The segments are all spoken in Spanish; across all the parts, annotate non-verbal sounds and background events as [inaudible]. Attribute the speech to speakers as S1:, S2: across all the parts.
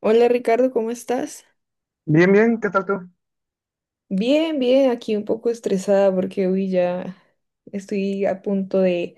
S1: Hola Ricardo, ¿cómo estás?
S2: Bien, bien, ¿qué tal tú?
S1: Bien, bien, aquí un poco estresada porque hoy ya estoy a punto de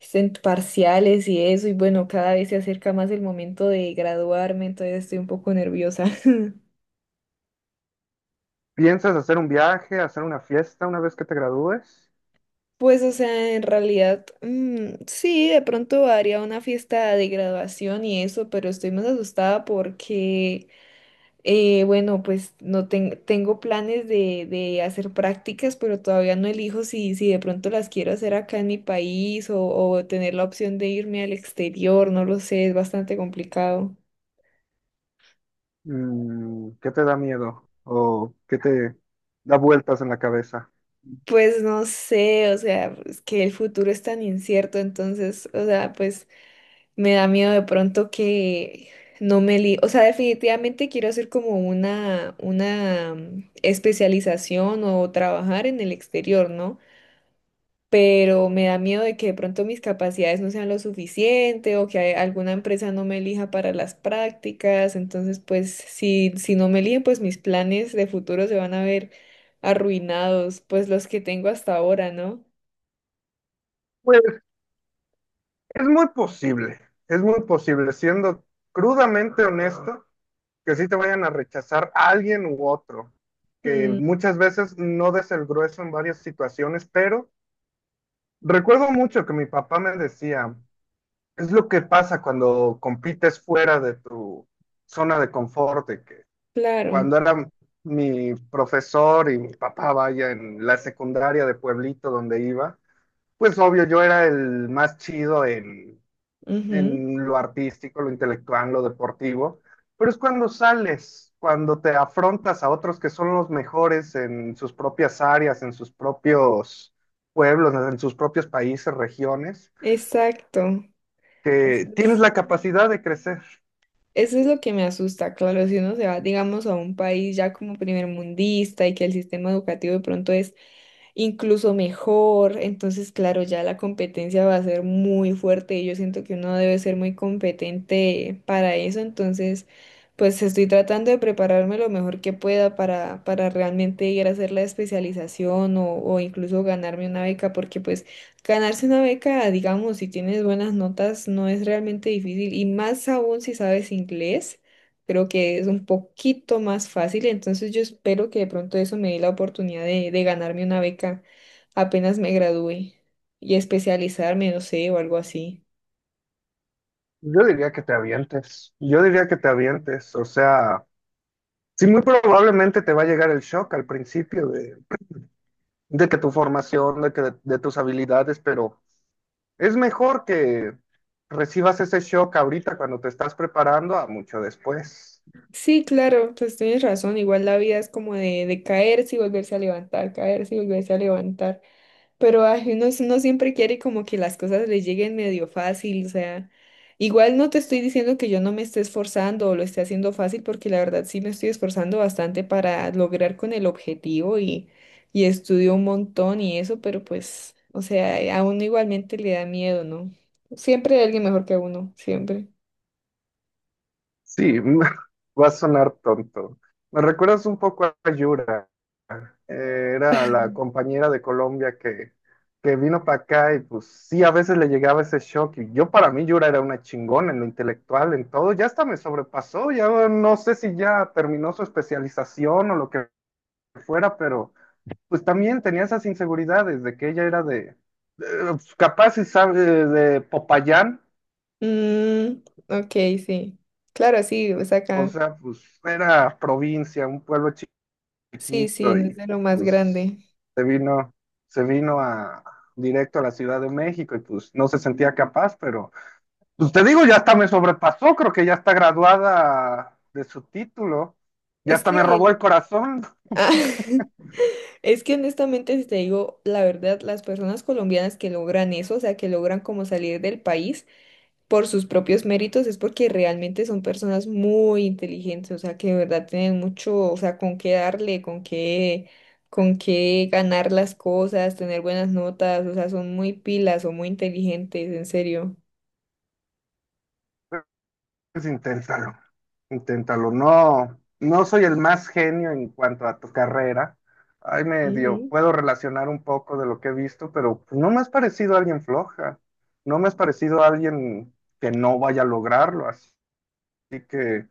S1: parciales y eso, y bueno, cada vez se acerca más el momento de graduarme, entonces estoy un poco nerviosa. [laughs]
S2: ¿Piensas hacer un viaje, hacer una fiesta una vez que te gradúes?
S1: Pues, o sea, en realidad, sí, de pronto haría una fiesta de graduación y eso, pero estoy más asustada porque. Bueno, pues no tengo planes de hacer prácticas, pero todavía no elijo si de pronto las quiero hacer acá en mi país o tener la opción de irme al exterior, no lo sé, es bastante complicado.
S2: Mm, ¿qué te da miedo? ¿O qué te da vueltas en la cabeza?
S1: Pues no sé, o sea, es que el futuro es tan incierto, entonces, o sea, pues me da miedo de pronto que no me li, o sea, definitivamente quiero hacer como una, una especialización o trabajar en el exterior, ¿no? Pero me da miedo de que de pronto mis capacidades no sean lo suficiente o que alguna empresa no me elija para las prácticas. Entonces, pues si no me eligen, pues mis planes de futuro se van a ver arruinados, pues los que tengo hasta ahora, ¿no?
S2: Pues es muy posible, es muy posible, siendo crudamente honesto, que sí te vayan a rechazar a alguien u otro, que
S1: Mm,
S2: muchas veces no des el grueso en varias situaciones, pero recuerdo mucho que mi papá me decía, es lo que pasa cuando compites fuera de tu zona de confort, de que
S1: claro.
S2: cuando era mi profesor y mi papá, vaya, en la secundaria de pueblito donde iba, pues obvio, yo era el más chido
S1: Ujú.
S2: en lo artístico, lo intelectual, lo deportivo, pero es cuando sales, cuando te afrontas a otros que son los mejores en sus propias áreas, en sus propios pueblos, en sus propios países, regiones,
S1: Exacto. Eso
S2: que tienes
S1: es.
S2: la capacidad de crecer.
S1: Eso es lo que me asusta, claro, si uno se va, digamos, a un país ya como primermundista y que el sistema educativo de pronto es incluso mejor, entonces, claro, ya la competencia va a ser muy fuerte y yo siento que uno debe ser muy competente para eso, entonces, pues estoy tratando de prepararme lo mejor que pueda para realmente ir a hacer la especialización o incluso ganarme una beca, porque pues... Ganarse una beca, digamos, si tienes buenas notas, no es realmente difícil y más aún si sabes inglés, creo que es un poquito más fácil, entonces yo espero que de pronto eso me dé la oportunidad de ganarme una beca apenas me gradúe y especializarme, no sé, o algo así.
S2: Yo diría que te avientes, yo diría que te avientes, o sea... Sí, muy probablemente te va a llegar el shock al principio de que tu formación, de que de tus habilidades, pero es mejor que recibas ese shock ahorita cuando te estás preparando a mucho después.
S1: Sí, claro, pues tienes razón, igual la vida es como de caerse y volverse a levantar, caerse y volverse a levantar. Pero ay, uno, uno siempre quiere como que las cosas le lleguen medio fácil, o sea, igual no te estoy diciendo que yo no me esté esforzando o lo esté haciendo fácil, porque la verdad sí me estoy esforzando bastante para lograr con el objetivo y estudio un montón y eso, pero pues, o sea, a uno igualmente le da miedo, ¿no? Siempre hay alguien mejor que uno, siempre.
S2: Sí, [laughs] va a sonar tonto. Me recuerdas un poco a Yura. Era la compañera de Colombia que vino para acá y pues sí, a veces le llegaba ese shock. Y yo para mí Yura era una chingona en lo intelectual, en todo, ya hasta me sobrepasó, ya no sé si ya terminó su especialización o lo que fuera, pero pues también tenía esas inseguridades de que ella era de, capaz si sabe de Popayán,
S1: Mm, ok, sí. Claro, sí, o sea,
S2: o
S1: acá.
S2: sea, pues era provincia, un pueblo
S1: Sí, sí,
S2: chiquito
S1: no es
S2: y
S1: de lo más
S2: pues
S1: grande.
S2: se vino, se vino a directo a la Ciudad de México y pues no se sentía capaz, pero pues te digo, ya hasta me sobrepasó, creo que ya está graduada de su título, ya
S1: Es
S2: hasta me robó
S1: que,
S2: el corazón,
S1: ah. [laughs] Es que honestamente, si te digo la verdad, las personas colombianas que logran eso, o sea, que logran como salir del país por sus propios méritos, es porque realmente son personas muy inteligentes, o sea, que de verdad tienen mucho, o sea, con qué darle, con qué ganar las cosas, tener buenas notas, o sea, son muy pilas, son muy inteligentes, en serio.
S2: pues inténtalo, inténtalo, no, no soy el más genio en cuanto a tu carrera. Ay, medio,
S1: Ujú.
S2: puedo relacionar un poco de lo que he visto, pero pues, no me has parecido alguien floja, no me has parecido alguien que no vaya a lograrlo. Así que,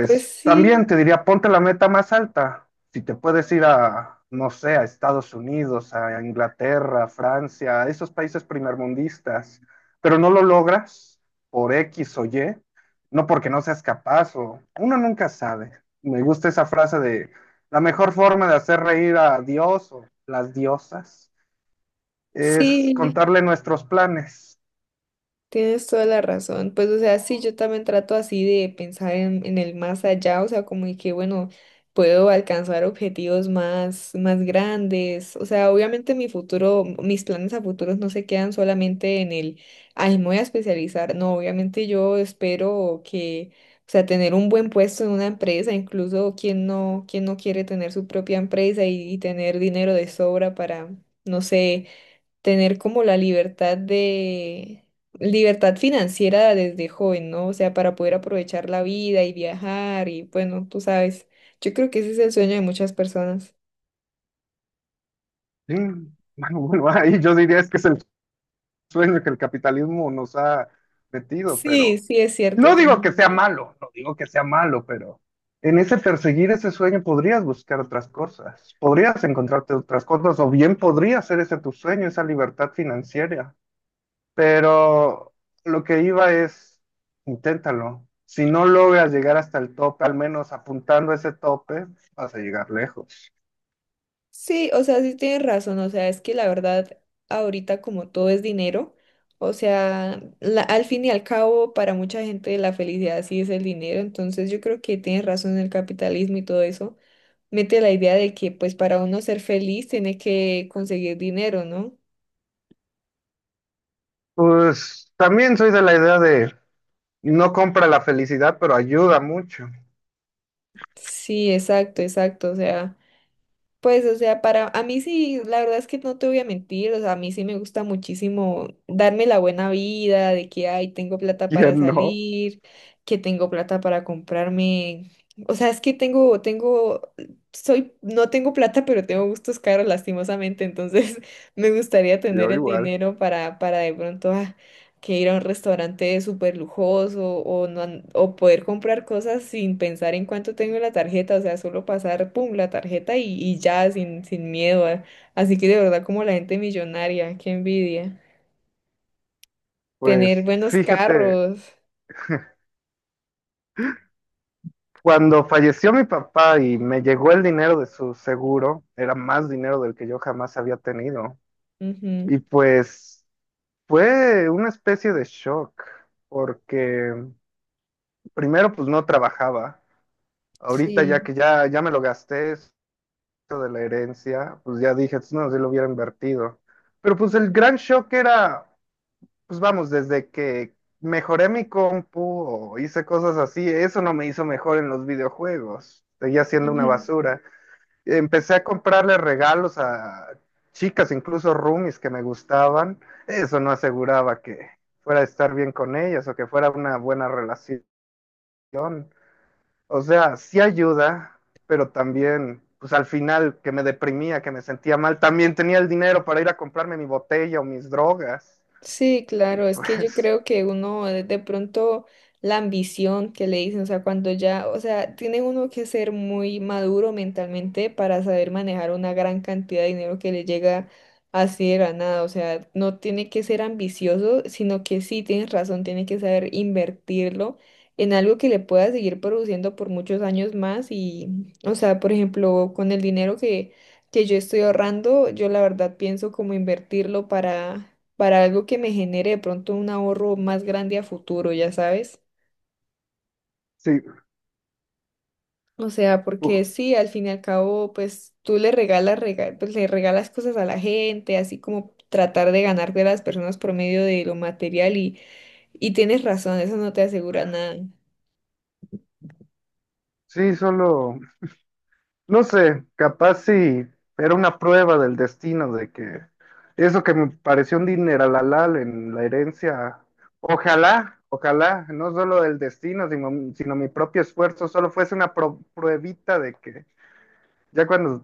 S1: Pues
S2: también
S1: sí,
S2: te diría, ponte la meta más alta. Si te puedes ir a, no sé, a Estados Unidos, a Inglaterra, a Francia, a esos países primermundistas, pero no lo logras por X o Y, no porque no seas capaz o uno nunca sabe. Me gusta esa frase de la mejor forma de hacer reír a Dios o las diosas es
S1: sí.
S2: contarle nuestros planes.
S1: Tienes toda la razón. Pues, o sea, sí, yo también trato así de pensar en el más allá, o sea, como de que, bueno, puedo alcanzar objetivos más, más grandes. O sea, obviamente mi futuro, mis planes a futuros no se quedan solamente en el, ay, me voy a especializar. No, obviamente yo espero que, o sea, tener un buen puesto en una empresa, incluso quien no quiere tener su propia empresa y tener dinero de sobra para, no sé, tener como la libertad de, libertad financiera desde joven, ¿no? O sea, para poder aprovechar la vida y viajar y bueno, tú sabes, yo creo que ese es el sueño de muchas personas.
S2: Sí, [laughs] bueno, bueno, ahí yo diría es que es el sueño que el capitalismo nos ha metido,
S1: Sí,
S2: pero
S1: sí, es cierto,
S2: no digo
S1: tienes
S2: que sea
S1: razón.
S2: malo, no digo que sea malo, pero en ese perseguir ese sueño podrías buscar otras cosas, podrías encontrarte otras cosas, o bien podría ser ese tu sueño, esa libertad financiera. Pero lo que iba es, inténtalo. Si no logras llegar hasta el tope, al menos apuntando a ese tope, vas a llegar lejos.
S1: Sí, o sea, sí tienes razón, o sea, es que la verdad, ahorita como todo es dinero, o sea, al fin y al cabo, para mucha gente la felicidad sí es el dinero, entonces yo creo que tienes razón en el capitalismo y todo eso, mete la idea de que pues para uno ser feliz tiene que conseguir dinero, ¿no?
S2: Pues también soy de la idea de no compra la felicidad, pero ayuda mucho.
S1: Sí, exacto, exacto, o sea. Pues, o sea, para a mí sí, la verdad es que no te voy a mentir, o sea, a mí sí me gusta muchísimo darme la buena vida de que, ay, tengo plata para
S2: ¿Quién no?
S1: salir, que tengo plata para comprarme, o sea, es que tengo, soy, no tengo plata, pero tengo gustos caros lastimosamente, entonces [laughs] me gustaría tener
S2: Yo
S1: el
S2: igual.
S1: dinero para de pronto, que ir a un restaurante súper lujoso o, no, o poder comprar cosas sin pensar en cuánto tengo en la tarjeta, o sea, solo pasar, pum, la tarjeta y ya, sin miedo. Así que de verdad, como la gente millonaria, qué envidia. Tener
S2: Pues
S1: buenos
S2: fíjate,
S1: carros.
S2: cuando falleció mi papá y me llegó el dinero de su seguro, era más dinero del que yo jamás había tenido.
S1: Ujú.
S2: Y pues fue una especie de shock, porque primero pues no trabajaba. Ahorita ya
S1: Sí.
S2: que ya, ya me lo gasté, eso de la herencia, pues ya dije, "Pues, no, si lo hubiera invertido". Pero pues el gran shock era, pues vamos, desde que mejoré mi compu o hice cosas así, eso no me hizo mejor en los videojuegos. Seguía siendo una
S1: [laughs]
S2: basura. Empecé a comprarle regalos a chicas, incluso roomies que me gustaban. Eso no aseguraba que fuera a estar bien con ellas o que fuera una buena relación. O sea, sí ayuda, pero también, pues al final que me deprimía, que me sentía mal, también tenía el dinero para ir a comprarme mi botella o mis drogas.
S1: Sí,
S2: [laughs]
S1: claro, es que yo
S2: Pues
S1: creo que uno de pronto la ambición que le dicen, o sea, cuando ya, o sea, tiene uno que ser muy maduro mentalmente para saber manejar una gran cantidad de dinero que le llega así de la nada, o sea, no tiene que ser ambicioso, sino que sí, tienes razón, tiene que saber invertirlo en algo que le pueda seguir produciendo por muchos años más y, o sea, por ejemplo, con el dinero que yo estoy ahorrando, yo la verdad pienso como invertirlo para algo que me genere de pronto un ahorro más grande a futuro, ya sabes.
S2: sí.
S1: O sea, porque sí, al fin y al cabo, pues tú le regalas, pues, le regalas cosas a la gente, así como tratar de ganar de las personas por medio de lo material y tienes razón, eso no te asegura nada.
S2: Sí, solo, no sé, capaz sí, era una prueba del destino de que eso que me pareció un dineral en la herencia, ojalá, ojalá, no solo del destino, sino, sino mi propio esfuerzo, solo fuese una pruebita de que ya cuando,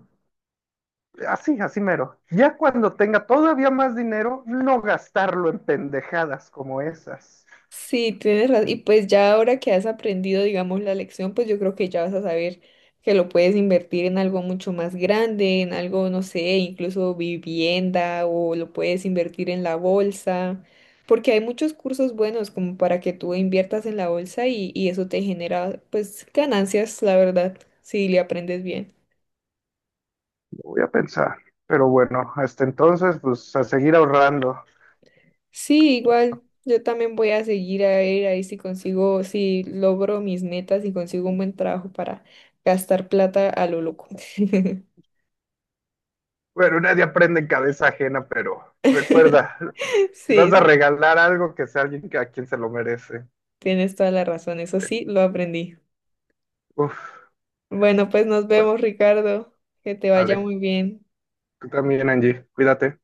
S2: así, así mero, ya cuando tenga todavía más dinero, no gastarlo en pendejadas como esas.
S1: Sí, tienes razón. Y pues ya ahora que has aprendido, digamos, la lección, pues yo creo que ya vas a saber que lo puedes invertir en algo mucho más grande, en algo, no sé, incluso vivienda o lo puedes invertir en la bolsa, porque hay muchos cursos buenos como para que tú inviertas en la bolsa y eso te genera pues ganancias, la verdad, si le aprendes bien.
S2: Lo voy a pensar, pero bueno, hasta entonces, pues a seguir ahorrando.
S1: Sí, igual yo también voy a seguir a ver ahí si consigo, si logro mis metas y consigo un buen trabajo para gastar plata a lo loco.
S2: Bueno, nadie aprende en cabeza ajena, pero
S1: [laughs]
S2: recuerda, si
S1: Sí,
S2: vas a
S1: sí,
S2: regalar algo, que sea alguien a quien se lo merece.
S1: tienes toda la razón, eso sí, lo aprendí.
S2: Uf,
S1: Bueno, pues nos
S2: bueno,
S1: vemos, Ricardo, que te vaya
S2: vale.
S1: muy bien.
S2: Tú también, Angie, cuídate.